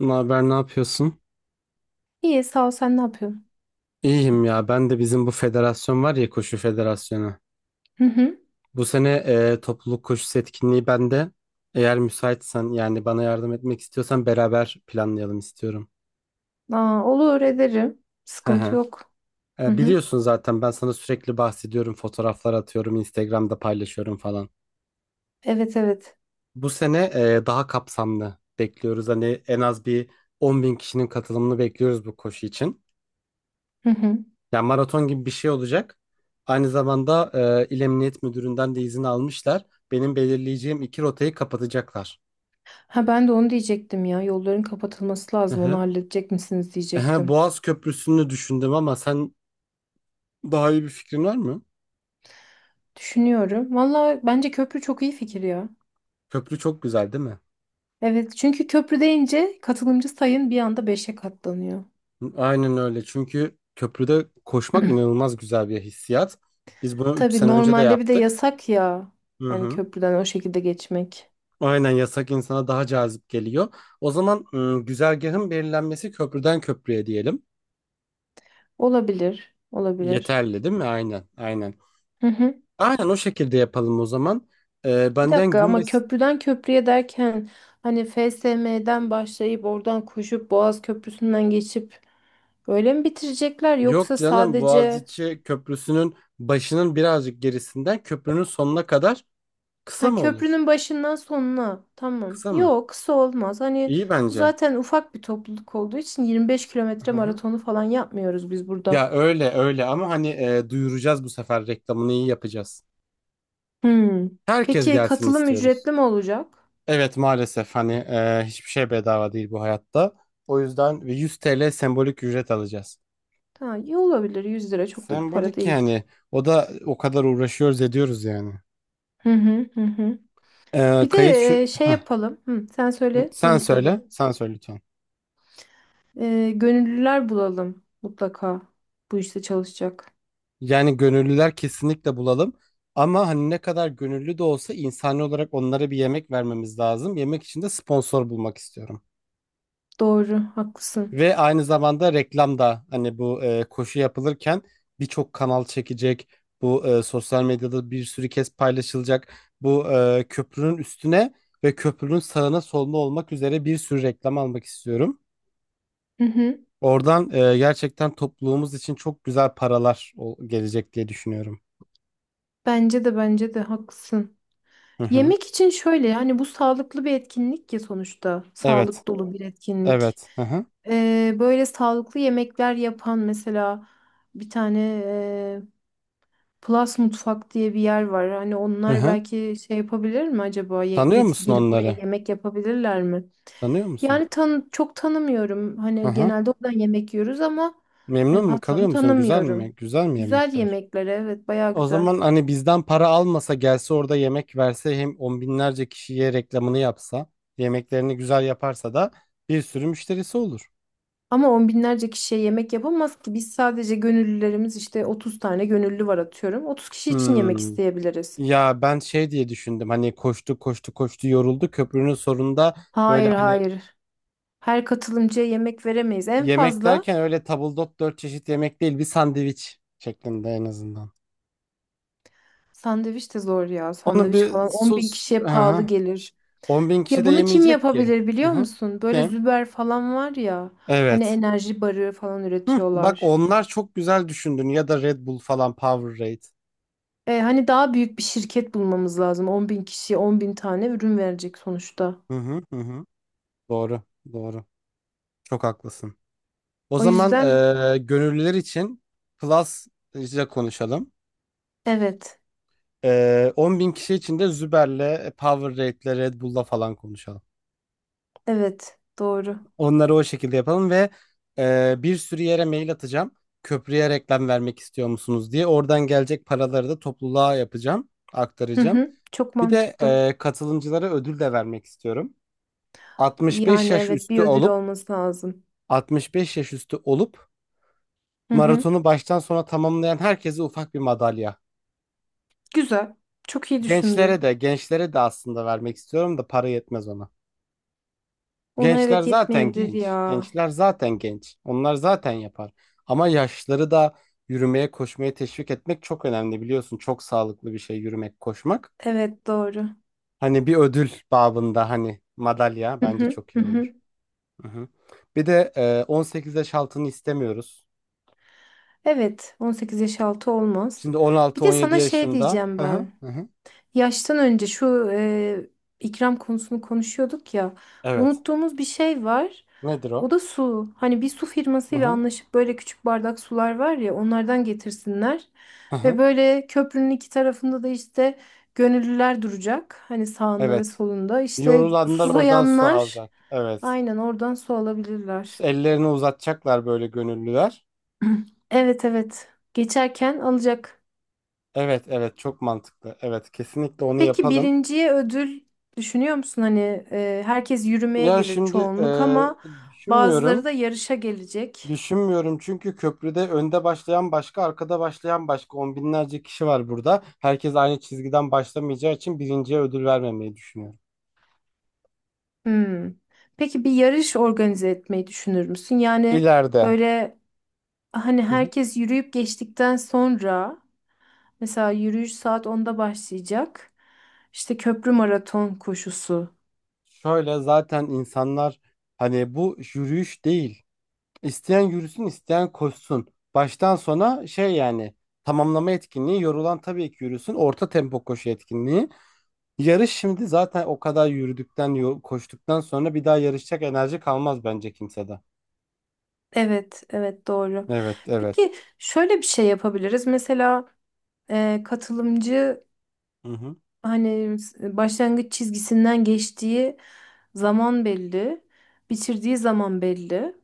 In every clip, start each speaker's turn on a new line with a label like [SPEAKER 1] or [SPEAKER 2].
[SPEAKER 1] Ne haber, ne yapıyorsun?
[SPEAKER 2] İyi, sağ ol, sen ne yapıyorsun?
[SPEAKER 1] İyiyim ya. Ben de bizim bu federasyon var ya, koşu federasyonu.
[SPEAKER 2] Hı hı.
[SPEAKER 1] Bu sene topluluk koşusu etkinliği bende. Eğer müsaitsen, yani bana yardım etmek istiyorsan, beraber planlayalım istiyorum.
[SPEAKER 2] Aa, olur ederim.
[SPEAKER 1] Hı
[SPEAKER 2] Sıkıntı
[SPEAKER 1] hı.
[SPEAKER 2] yok. Hı hı.
[SPEAKER 1] Biliyorsun zaten, ben sana sürekli bahsediyorum, fotoğraflar atıyorum, Instagram'da paylaşıyorum falan.
[SPEAKER 2] Evet evet.
[SPEAKER 1] Bu sene daha kapsamlı bekliyoruz. Hani en az bir 10 bin kişinin katılımını bekliyoruz bu koşu için.
[SPEAKER 2] Hı hı.
[SPEAKER 1] Yani maraton gibi bir şey olacak. Aynı zamanda İl Emniyet Müdürü'nden de izin almışlar. Benim belirleyeceğim iki rotayı kapatacaklar.
[SPEAKER 2] Ha, ben de onu diyecektim ya. Yolların kapatılması
[SPEAKER 1] Hı
[SPEAKER 2] lazım. Onu
[SPEAKER 1] hı.
[SPEAKER 2] halledecek misiniz diyecektim.
[SPEAKER 1] Boğaz Köprüsü'nü düşündüm, ama sen daha iyi bir fikrin var mı?
[SPEAKER 2] Düşünüyorum. Valla bence köprü çok iyi fikir ya.
[SPEAKER 1] Köprü çok güzel, değil mi?
[SPEAKER 2] Evet, çünkü köprü deyince katılımcı sayın bir anda beşe katlanıyor.
[SPEAKER 1] Aynen öyle. Çünkü köprüde koşmak inanılmaz güzel bir hissiyat. Biz bunu 3
[SPEAKER 2] Tabii
[SPEAKER 1] sene önce de
[SPEAKER 2] normalde bir de
[SPEAKER 1] yaptık.
[SPEAKER 2] yasak ya.
[SPEAKER 1] Hı
[SPEAKER 2] Hani
[SPEAKER 1] hı.
[SPEAKER 2] köprüden o şekilde geçmek.
[SPEAKER 1] Aynen, yasak insana daha cazip geliyor. O zaman güzergahın belirlenmesi köprüden köprüye diyelim.
[SPEAKER 2] Olabilir. Olabilir.
[SPEAKER 1] Yeterli değil mi? Aynen, aynen. Aynen o şekilde yapalım o zaman.
[SPEAKER 2] Bir
[SPEAKER 1] Benden
[SPEAKER 2] dakika, ama
[SPEAKER 1] Gümbes
[SPEAKER 2] köprüden köprüye derken hani FSM'den başlayıp oradan koşup Boğaz Köprüsü'nden geçip öyle mi bitirecekler,
[SPEAKER 1] yok
[SPEAKER 2] yoksa
[SPEAKER 1] canım,
[SPEAKER 2] sadece
[SPEAKER 1] Boğaziçi Köprüsü'nün başının birazcık gerisinden köprünün sonuna kadar, kısa
[SPEAKER 2] ha
[SPEAKER 1] mı olur?
[SPEAKER 2] köprünün başından sonuna, tamam.
[SPEAKER 1] Kısa mı?
[SPEAKER 2] Yok, kısa olmaz. Hani
[SPEAKER 1] İyi
[SPEAKER 2] bu
[SPEAKER 1] bence.
[SPEAKER 2] zaten ufak bir topluluk olduğu için 25 kilometre
[SPEAKER 1] Aha.
[SPEAKER 2] maratonu falan yapmıyoruz biz burada.
[SPEAKER 1] Ya öyle öyle, ama hani duyuracağız, bu sefer reklamını iyi yapacağız.
[SPEAKER 2] Hmm.
[SPEAKER 1] Herkes
[SPEAKER 2] Peki
[SPEAKER 1] gelsin
[SPEAKER 2] katılım
[SPEAKER 1] istiyoruz.
[SPEAKER 2] ücretli mi olacak?
[SPEAKER 1] Evet, maalesef, hani hiçbir şey bedava değil bu hayatta. O yüzden 100 TL sembolik ücret alacağız.
[SPEAKER 2] Ha, iyi olabilir. 100 lira çok da bir para
[SPEAKER 1] Sembolik
[SPEAKER 2] değil.
[SPEAKER 1] yani, o da o kadar uğraşıyoruz ediyoruz yani.
[SPEAKER 2] Hı hı hı, hı.
[SPEAKER 1] Ee,
[SPEAKER 2] Bir de
[SPEAKER 1] kayıt şu,
[SPEAKER 2] şey yapalım. Hı, sen söyle,
[SPEAKER 1] Sen
[SPEAKER 2] sonra
[SPEAKER 1] söyle,
[SPEAKER 2] söyleyeceğim.
[SPEAKER 1] sen söyle lütfen.
[SPEAKER 2] Gönüllüler bulalım mutlaka, bu işte çalışacak.
[SPEAKER 1] Yani gönüllüler kesinlikle bulalım. Ama hani ne kadar gönüllü de olsa, insani olarak onlara bir yemek vermemiz lazım. Yemek için de sponsor bulmak istiyorum.
[SPEAKER 2] Doğru, haklısın.
[SPEAKER 1] Ve aynı zamanda reklam da, hani bu koşu yapılırken birçok kanal çekecek. Bu sosyal medyada bir sürü kez paylaşılacak. Bu köprünün üstüne ve köprünün sağına soluna olmak üzere bir sürü reklam almak istiyorum.
[SPEAKER 2] Hı hı.
[SPEAKER 1] Oradan gerçekten topluluğumuz için çok güzel paralar gelecek diye düşünüyorum.
[SPEAKER 2] Bence de bence de haklısın.
[SPEAKER 1] Hı hı.
[SPEAKER 2] Yemek için şöyle, yani bu sağlıklı bir etkinlik ya sonuçta.
[SPEAKER 1] Evet.
[SPEAKER 2] Sağlık dolu bir etkinlik.
[SPEAKER 1] Evet. Hı hı.
[SPEAKER 2] Böyle sağlıklı yemekler yapan mesela bir tane Plus Mutfak diye bir yer var. Hani
[SPEAKER 1] Hı
[SPEAKER 2] onlar
[SPEAKER 1] hı.
[SPEAKER 2] belki şey yapabilir mi acaba?
[SPEAKER 1] Tanıyor musun
[SPEAKER 2] Gelip buraya
[SPEAKER 1] onları?
[SPEAKER 2] yemek yapabilirler mi?
[SPEAKER 1] Tanıyor musun?
[SPEAKER 2] Yani çok tanımıyorum.
[SPEAKER 1] Hı
[SPEAKER 2] Hani
[SPEAKER 1] hı.
[SPEAKER 2] genelde oradan yemek yiyoruz, ama
[SPEAKER 1] Memnun
[SPEAKER 2] hani
[SPEAKER 1] mu, kalıyor
[SPEAKER 2] patronu
[SPEAKER 1] musun? Güzel mi?
[SPEAKER 2] tanımıyorum.
[SPEAKER 1] Güzel mi
[SPEAKER 2] Güzel
[SPEAKER 1] yemekler?
[SPEAKER 2] yemekler, evet, bayağı
[SPEAKER 1] O
[SPEAKER 2] güzel.
[SPEAKER 1] zaman hani bizden para almasa, gelse, orada yemek verse, hem on binlerce kişiye reklamını yapsa, yemeklerini güzel yaparsa da bir sürü müşterisi olur.
[SPEAKER 2] Ama on binlerce kişiye yemek yapamaz ki. Biz sadece gönüllülerimiz, işte 30 tane gönüllü var atıyorum. 30 kişi için yemek
[SPEAKER 1] Hmm.
[SPEAKER 2] isteyebiliriz.
[SPEAKER 1] Ya ben şey diye düşündüm, hani koştu koştu koştu, yoruldu, köprünün sonunda böyle
[SPEAKER 2] Hayır
[SPEAKER 1] hani,
[SPEAKER 2] hayır. Her katılımcıya yemek veremeyiz. En
[SPEAKER 1] yemek
[SPEAKER 2] fazla
[SPEAKER 1] derken öyle tabldot dört çeşit yemek değil, bir sandviç şeklinde en azından.
[SPEAKER 2] sandviç de zor ya.
[SPEAKER 1] Onu
[SPEAKER 2] Sandviç falan
[SPEAKER 1] bir
[SPEAKER 2] 10 bin
[SPEAKER 1] sus.
[SPEAKER 2] kişiye pahalı
[SPEAKER 1] Aha.
[SPEAKER 2] gelir.
[SPEAKER 1] 10 bin kişi
[SPEAKER 2] Ya
[SPEAKER 1] de
[SPEAKER 2] bunu kim
[SPEAKER 1] yemeyecek ki.
[SPEAKER 2] yapabilir biliyor
[SPEAKER 1] Aha.
[SPEAKER 2] musun? Böyle
[SPEAKER 1] Kim?
[SPEAKER 2] Züber falan var ya. Hani
[SPEAKER 1] Evet.
[SPEAKER 2] enerji barı falan
[SPEAKER 1] Hı, bak,
[SPEAKER 2] üretiyorlar.
[SPEAKER 1] onlar çok güzel düşündün, ya da Red Bull falan, Powerade.
[SPEAKER 2] Hani daha büyük bir şirket bulmamız lazım. 10 bin kişiye 10 bin tane ürün verecek sonuçta.
[SPEAKER 1] Hı hı, hı hı. Doğru, doğru. Çok haklısın. O
[SPEAKER 2] O
[SPEAKER 1] zaman
[SPEAKER 2] yüzden
[SPEAKER 1] gönüllüler için Plus'la konuşalım.
[SPEAKER 2] evet,
[SPEAKER 1] 10 bin kişi için de Züber'le, Powerade'le, Red Bull'la falan konuşalım.
[SPEAKER 2] evet doğru.
[SPEAKER 1] Onları o şekilde yapalım ve bir sürü yere mail atacağım. Köprüye reklam vermek istiyor musunuz diye. Oradan gelecek paraları da topluluğa yapacağım,
[SPEAKER 2] Hı
[SPEAKER 1] aktaracağım.
[SPEAKER 2] hı, çok
[SPEAKER 1] Bir de
[SPEAKER 2] mantıklı.
[SPEAKER 1] katılımcılara ödül de vermek istiyorum. 65
[SPEAKER 2] Yani
[SPEAKER 1] yaş
[SPEAKER 2] evet,
[SPEAKER 1] üstü
[SPEAKER 2] bir ödül
[SPEAKER 1] olup
[SPEAKER 2] olması lazım.
[SPEAKER 1] 65 yaş üstü olup
[SPEAKER 2] Hı hı,
[SPEAKER 1] maratonu baştan sona tamamlayan herkese ufak bir madalya.
[SPEAKER 2] güzel. Çok iyi
[SPEAKER 1] Gençlere
[SPEAKER 2] düşündün.
[SPEAKER 1] de, gençlere de aslında vermek istiyorum da, para yetmez ona.
[SPEAKER 2] Ona
[SPEAKER 1] Gençler
[SPEAKER 2] evet
[SPEAKER 1] zaten
[SPEAKER 2] yetmeyebilir
[SPEAKER 1] genç.
[SPEAKER 2] ya.
[SPEAKER 1] Gençler zaten genç. Onlar zaten yapar. Ama yaşlıları da yürümeye, koşmaya teşvik etmek çok önemli, biliyorsun. Çok sağlıklı bir şey yürümek, koşmak.
[SPEAKER 2] Evet doğru.
[SPEAKER 1] Hani bir ödül babında, hani madalya,
[SPEAKER 2] Hı
[SPEAKER 1] bence
[SPEAKER 2] hı,
[SPEAKER 1] çok
[SPEAKER 2] hı
[SPEAKER 1] iyi olur.
[SPEAKER 2] hı.
[SPEAKER 1] Hı hı. Bir de 18 yaş altını istemiyoruz.
[SPEAKER 2] Evet, 18 yaş altı olmaz.
[SPEAKER 1] Şimdi
[SPEAKER 2] Bir de
[SPEAKER 1] 16-17
[SPEAKER 2] sana şey
[SPEAKER 1] yaşında.
[SPEAKER 2] diyeceğim
[SPEAKER 1] Hı hı,
[SPEAKER 2] ben.
[SPEAKER 1] hı hı.
[SPEAKER 2] Yaştan önce şu ikram konusunu konuşuyorduk ya.
[SPEAKER 1] Evet.
[SPEAKER 2] Unuttuğumuz bir şey var.
[SPEAKER 1] Nedir
[SPEAKER 2] O
[SPEAKER 1] o?
[SPEAKER 2] da su. Hani bir su
[SPEAKER 1] Hı
[SPEAKER 2] firmasıyla
[SPEAKER 1] hı,
[SPEAKER 2] anlaşıp böyle küçük bardak sular var ya, onlardan getirsinler.
[SPEAKER 1] hı
[SPEAKER 2] Ve
[SPEAKER 1] hı.
[SPEAKER 2] böyle köprünün iki tarafında da işte gönüllüler duracak. Hani sağında ve
[SPEAKER 1] Evet.
[SPEAKER 2] solunda. İşte
[SPEAKER 1] Yorulanlar oradan su
[SPEAKER 2] susayanlar
[SPEAKER 1] alacak. Evet.
[SPEAKER 2] aynen oradan su alabilirler.
[SPEAKER 1] Ellerini uzatacaklar böyle gönüllüler.
[SPEAKER 2] Evet evet. Geçerken alacak.
[SPEAKER 1] Evet, evet, çok mantıklı. Evet, kesinlikle onu
[SPEAKER 2] Peki
[SPEAKER 1] yapalım.
[SPEAKER 2] birinciye ödül düşünüyor musun? Hani herkes yürümeye
[SPEAKER 1] Ya
[SPEAKER 2] gelir
[SPEAKER 1] şimdi
[SPEAKER 2] çoğunluk, ama bazıları
[SPEAKER 1] düşünmüyorum.
[SPEAKER 2] da yarışa gelecek.
[SPEAKER 1] Düşünmüyorum, çünkü köprüde önde başlayan başka, arkada başlayan başka, on binlerce kişi var burada. Herkes aynı çizgiden başlamayacağı için birinciye ödül vermemeyi düşünüyorum.
[SPEAKER 2] Hmm. Peki bir yarış organize etmeyi düşünür müsün? Yani
[SPEAKER 1] İleride.
[SPEAKER 2] böyle hani
[SPEAKER 1] Hı hı.
[SPEAKER 2] herkes yürüyüp geçtikten sonra, mesela yürüyüş saat 10'da başlayacak. İşte köprü maraton koşusu.
[SPEAKER 1] Şöyle, zaten insanlar, hani bu yürüyüş değil. İsteyen yürüsün, isteyen koşsun. Baştan sona şey yani, tamamlama etkinliği, yorulan tabii ki yürüsün. Orta tempo koşu etkinliği. Yarış, şimdi zaten o kadar yürüdükten, koştuktan sonra, bir daha yarışacak enerji kalmaz bence kimsede.
[SPEAKER 2] Evet, evet doğru.
[SPEAKER 1] Evet, evet.
[SPEAKER 2] Peki şöyle bir şey yapabiliriz. Mesela katılımcı
[SPEAKER 1] Hı hı.
[SPEAKER 2] hani başlangıç çizgisinden geçtiği zaman belli, bitirdiği zaman belli.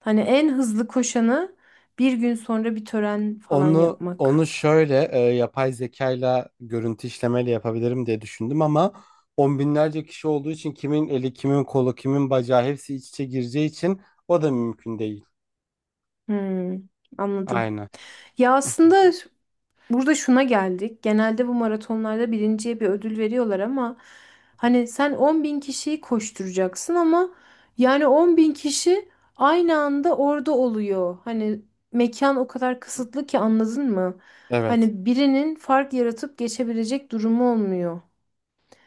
[SPEAKER 2] Hani en hızlı koşanı bir gün sonra bir tören falan
[SPEAKER 1] Onu
[SPEAKER 2] yapmak.
[SPEAKER 1] şöyle yapay zekayla, görüntü işlemeyle yapabilirim diye düşündüm, ama on binlerce kişi olduğu için kimin eli, kimin kolu, kimin bacağı hepsi iç içe gireceği için o da mümkün değil.
[SPEAKER 2] Hmm, anladım.
[SPEAKER 1] Aynen.
[SPEAKER 2] Ya aslında burada şuna geldik. Genelde bu maratonlarda birinciye bir ödül veriyorlar, ama
[SPEAKER 1] Hı
[SPEAKER 2] hani sen 10 bin kişiyi koşturacaksın, ama yani 10 bin kişi aynı anda orada oluyor. Hani mekan o kadar
[SPEAKER 1] hı.
[SPEAKER 2] kısıtlı ki, anladın mı?
[SPEAKER 1] Evet.
[SPEAKER 2] Hani birinin fark yaratıp geçebilecek durumu olmuyor.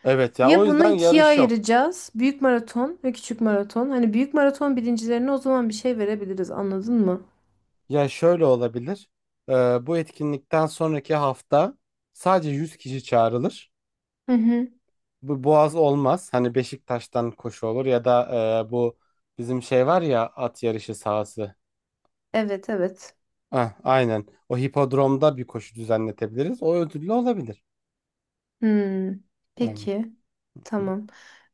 [SPEAKER 1] Evet ya, o
[SPEAKER 2] Ya bunu
[SPEAKER 1] yüzden
[SPEAKER 2] ikiye
[SPEAKER 1] yarış yok.
[SPEAKER 2] ayıracağız. Büyük maraton ve küçük maraton. Hani büyük maraton birincilerine o zaman bir şey verebiliriz. Anladın mı?
[SPEAKER 1] Ya şöyle olabilir. E, bu etkinlikten sonraki hafta sadece 100 kişi çağrılır.
[SPEAKER 2] Hı hı.
[SPEAKER 1] Bu Boğaz olmaz. Hani Beşiktaş'tan koşu olur, ya da bu bizim şey var ya, at yarışı sahası.
[SPEAKER 2] Evet evet.
[SPEAKER 1] Ah, aynen. O hipodromda bir koşu düzenletebiliriz. O ödüllü olabilir.
[SPEAKER 2] Hmm.
[SPEAKER 1] Aynen.
[SPEAKER 2] Peki.
[SPEAKER 1] Hı.
[SPEAKER 2] Tamam.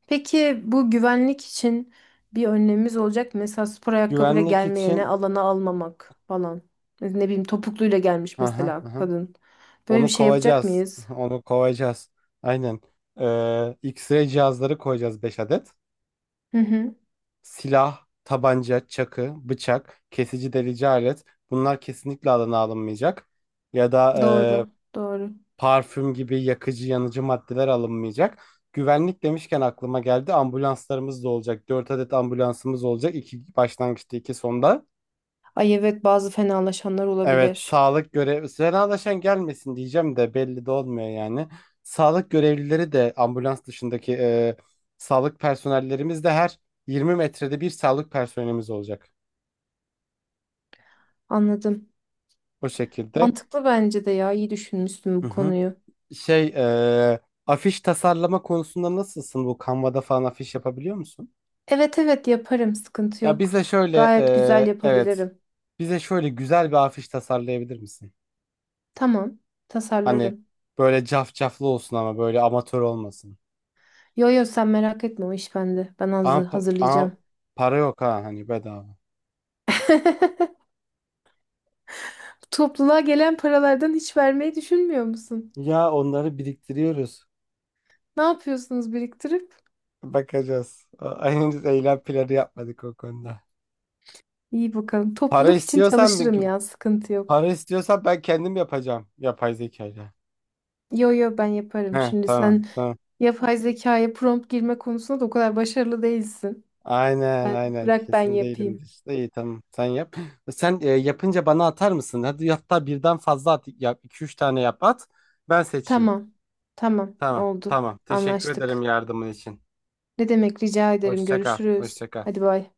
[SPEAKER 2] Peki bu güvenlik için bir önlemimiz olacak mı? Mesela spor ayakkabıyla
[SPEAKER 1] Güvenlik
[SPEAKER 2] gelmeyene
[SPEAKER 1] için,
[SPEAKER 2] alana almamak falan. Ne bileyim, topukluyla gelmiş
[SPEAKER 1] aha,
[SPEAKER 2] mesela
[SPEAKER 1] aha.
[SPEAKER 2] kadın. Böyle bir
[SPEAKER 1] Onu
[SPEAKER 2] şey yapacak
[SPEAKER 1] kovacağız.
[SPEAKER 2] mıyız?
[SPEAKER 1] Onu kovacağız. Aynen. Ee, X-ray cihazları koyacağız, 5 adet.
[SPEAKER 2] Hı hı.
[SPEAKER 1] Silah, tabanca, çakı, bıçak, kesici delici alet. Bunlar kesinlikle alana alınmayacak. Ya da
[SPEAKER 2] Doğru, doğru.
[SPEAKER 1] parfüm gibi yakıcı yanıcı maddeler alınmayacak. Güvenlik demişken aklıma geldi. Ambulanslarımız da olacak. 4 adet ambulansımız olacak. İki başlangıçta, iki sonda.
[SPEAKER 2] Ay evet, bazı fenalaşanlar
[SPEAKER 1] Evet,
[SPEAKER 2] olabilir.
[SPEAKER 1] sağlık görev Senalaşan gelmesin diyeceğim de belli de olmuyor yani. Sağlık görevlileri de, ambulans dışındaki sağlık personellerimiz de, her 20 metrede bir sağlık personelimiz olacak.
[SPEAKER 2] Anladım.
[SPEAKER 1] O şekilde.
[SPEAKER 2] Mantıklı bence de ya. İyi düşünmüşsün
[SPEAKER 1] Hı
[SPEAKER 2] bu
[SPEAKER 1] hı.
[SPEAKER 2] konuyu.
[SPEAKER 1] Şey, afiş tasarlama konusunda nasılsın? Bu Canva'da falan afiş yapabiliyor musun?
[SPEAKER 2] Evet evet yaparım. Sıkıntı
[SPEAKER 1] Ya
[SPEAKER 2] yok.
[SPEAKER 1] bize şöyle
[SPEAKER 2] Gayet güzel
[SPEAKER 1] e, evet
[SPEAKER 2] yapabilirim.
[SPEAKER 1] bize şöyle güzel bir afiş tasarlayabilir misin?
[SPEAKER 2] Tamam.
[SPEAKER 1] Hani
[SPEAKER 2] Tasarlarım.
[SPEAKER 1] böyle cafcaflı olsun, ama böyle amatör olmasın.
[SPEAKER 2] Yo yo, sen merak etme, o iş bende. Ben
[SPEAKER 1] Ama,
[SPEAKER 2] hazır,
[SPEAKER 1] pa- ama
[SPEAKER 2] hazırlayacağım.
[SPEAKER 1] para yok ha, hani bedava.
[SPEAKER 2] Topluluğa gelen paralardan hiç vermeyi düşünmüyor musun?
[SPEAKER 1] Ya onları biriktiriyoruz.
[SPEAKER 2] Ne yapıyorsunuz biriktirip?
[SPEAKER 1] Bakacağız. Henüz eylem planı yapmadık o konuda.
[SPEAKER 2] İyi bakalım.
[SPEAKER 1] Para
[SPEAKER 2] Topluluk için
[SPEAKER 1] istiyorsan
[SPEAKER 2] çalışırım
[SPEAKER 1] bir-
[SPEAKER 2] ya, sıkıntı yok.
[SPEAKER 1] Para istiyorsan, ben kendim yapacağım yapay zekayla.
[SPEAKER 2] Yo yo, ben
[SPEAKER 1] He,
[SPEAKER 2] yaparım. Şimdi
[SPEAKER 1] tamam
[SPEAKER 2] sen
[SPEAKER 1] tamam.
[SPEAKER 2] yapay zekaya prompt girme konusunda da o kadar başarılı değilsin.
[SPEAKER 1] Aynen
[SPEAKER 2] Ben,
[SPEAKER 1] aynen,
[SPEAKER 2] bırak ben
[SPEAKER 1] kesin
[SPEAKER 2] yapayım.
[SPEAKER 1] değilimdir. İyi, tamam, sen yap. Sen yapınca bana atar mısın? Hadi, hatta birden fazla at yap. 2 3 tane yap, at. Ben seçeyim.
[SPEAKER 2] Tamam. Tamam,
[SPEAKER 1] Tamam
[SPEAKER 2] oldu.
[SPEAKER 1] tamam. Teşekkür ederim
[SPEAKER 2] Anlaştık.
[SPEAKER 1] yardımın için.
[SPEAKER 2] Ne demek, rica ederim.
[SPEAKER 1] Hoşça kal.
[SPEAKER 2] Görüşürüz.
[SPEAKER 1] Hoşça kal.
[SPEAKER 2] Hadi bay.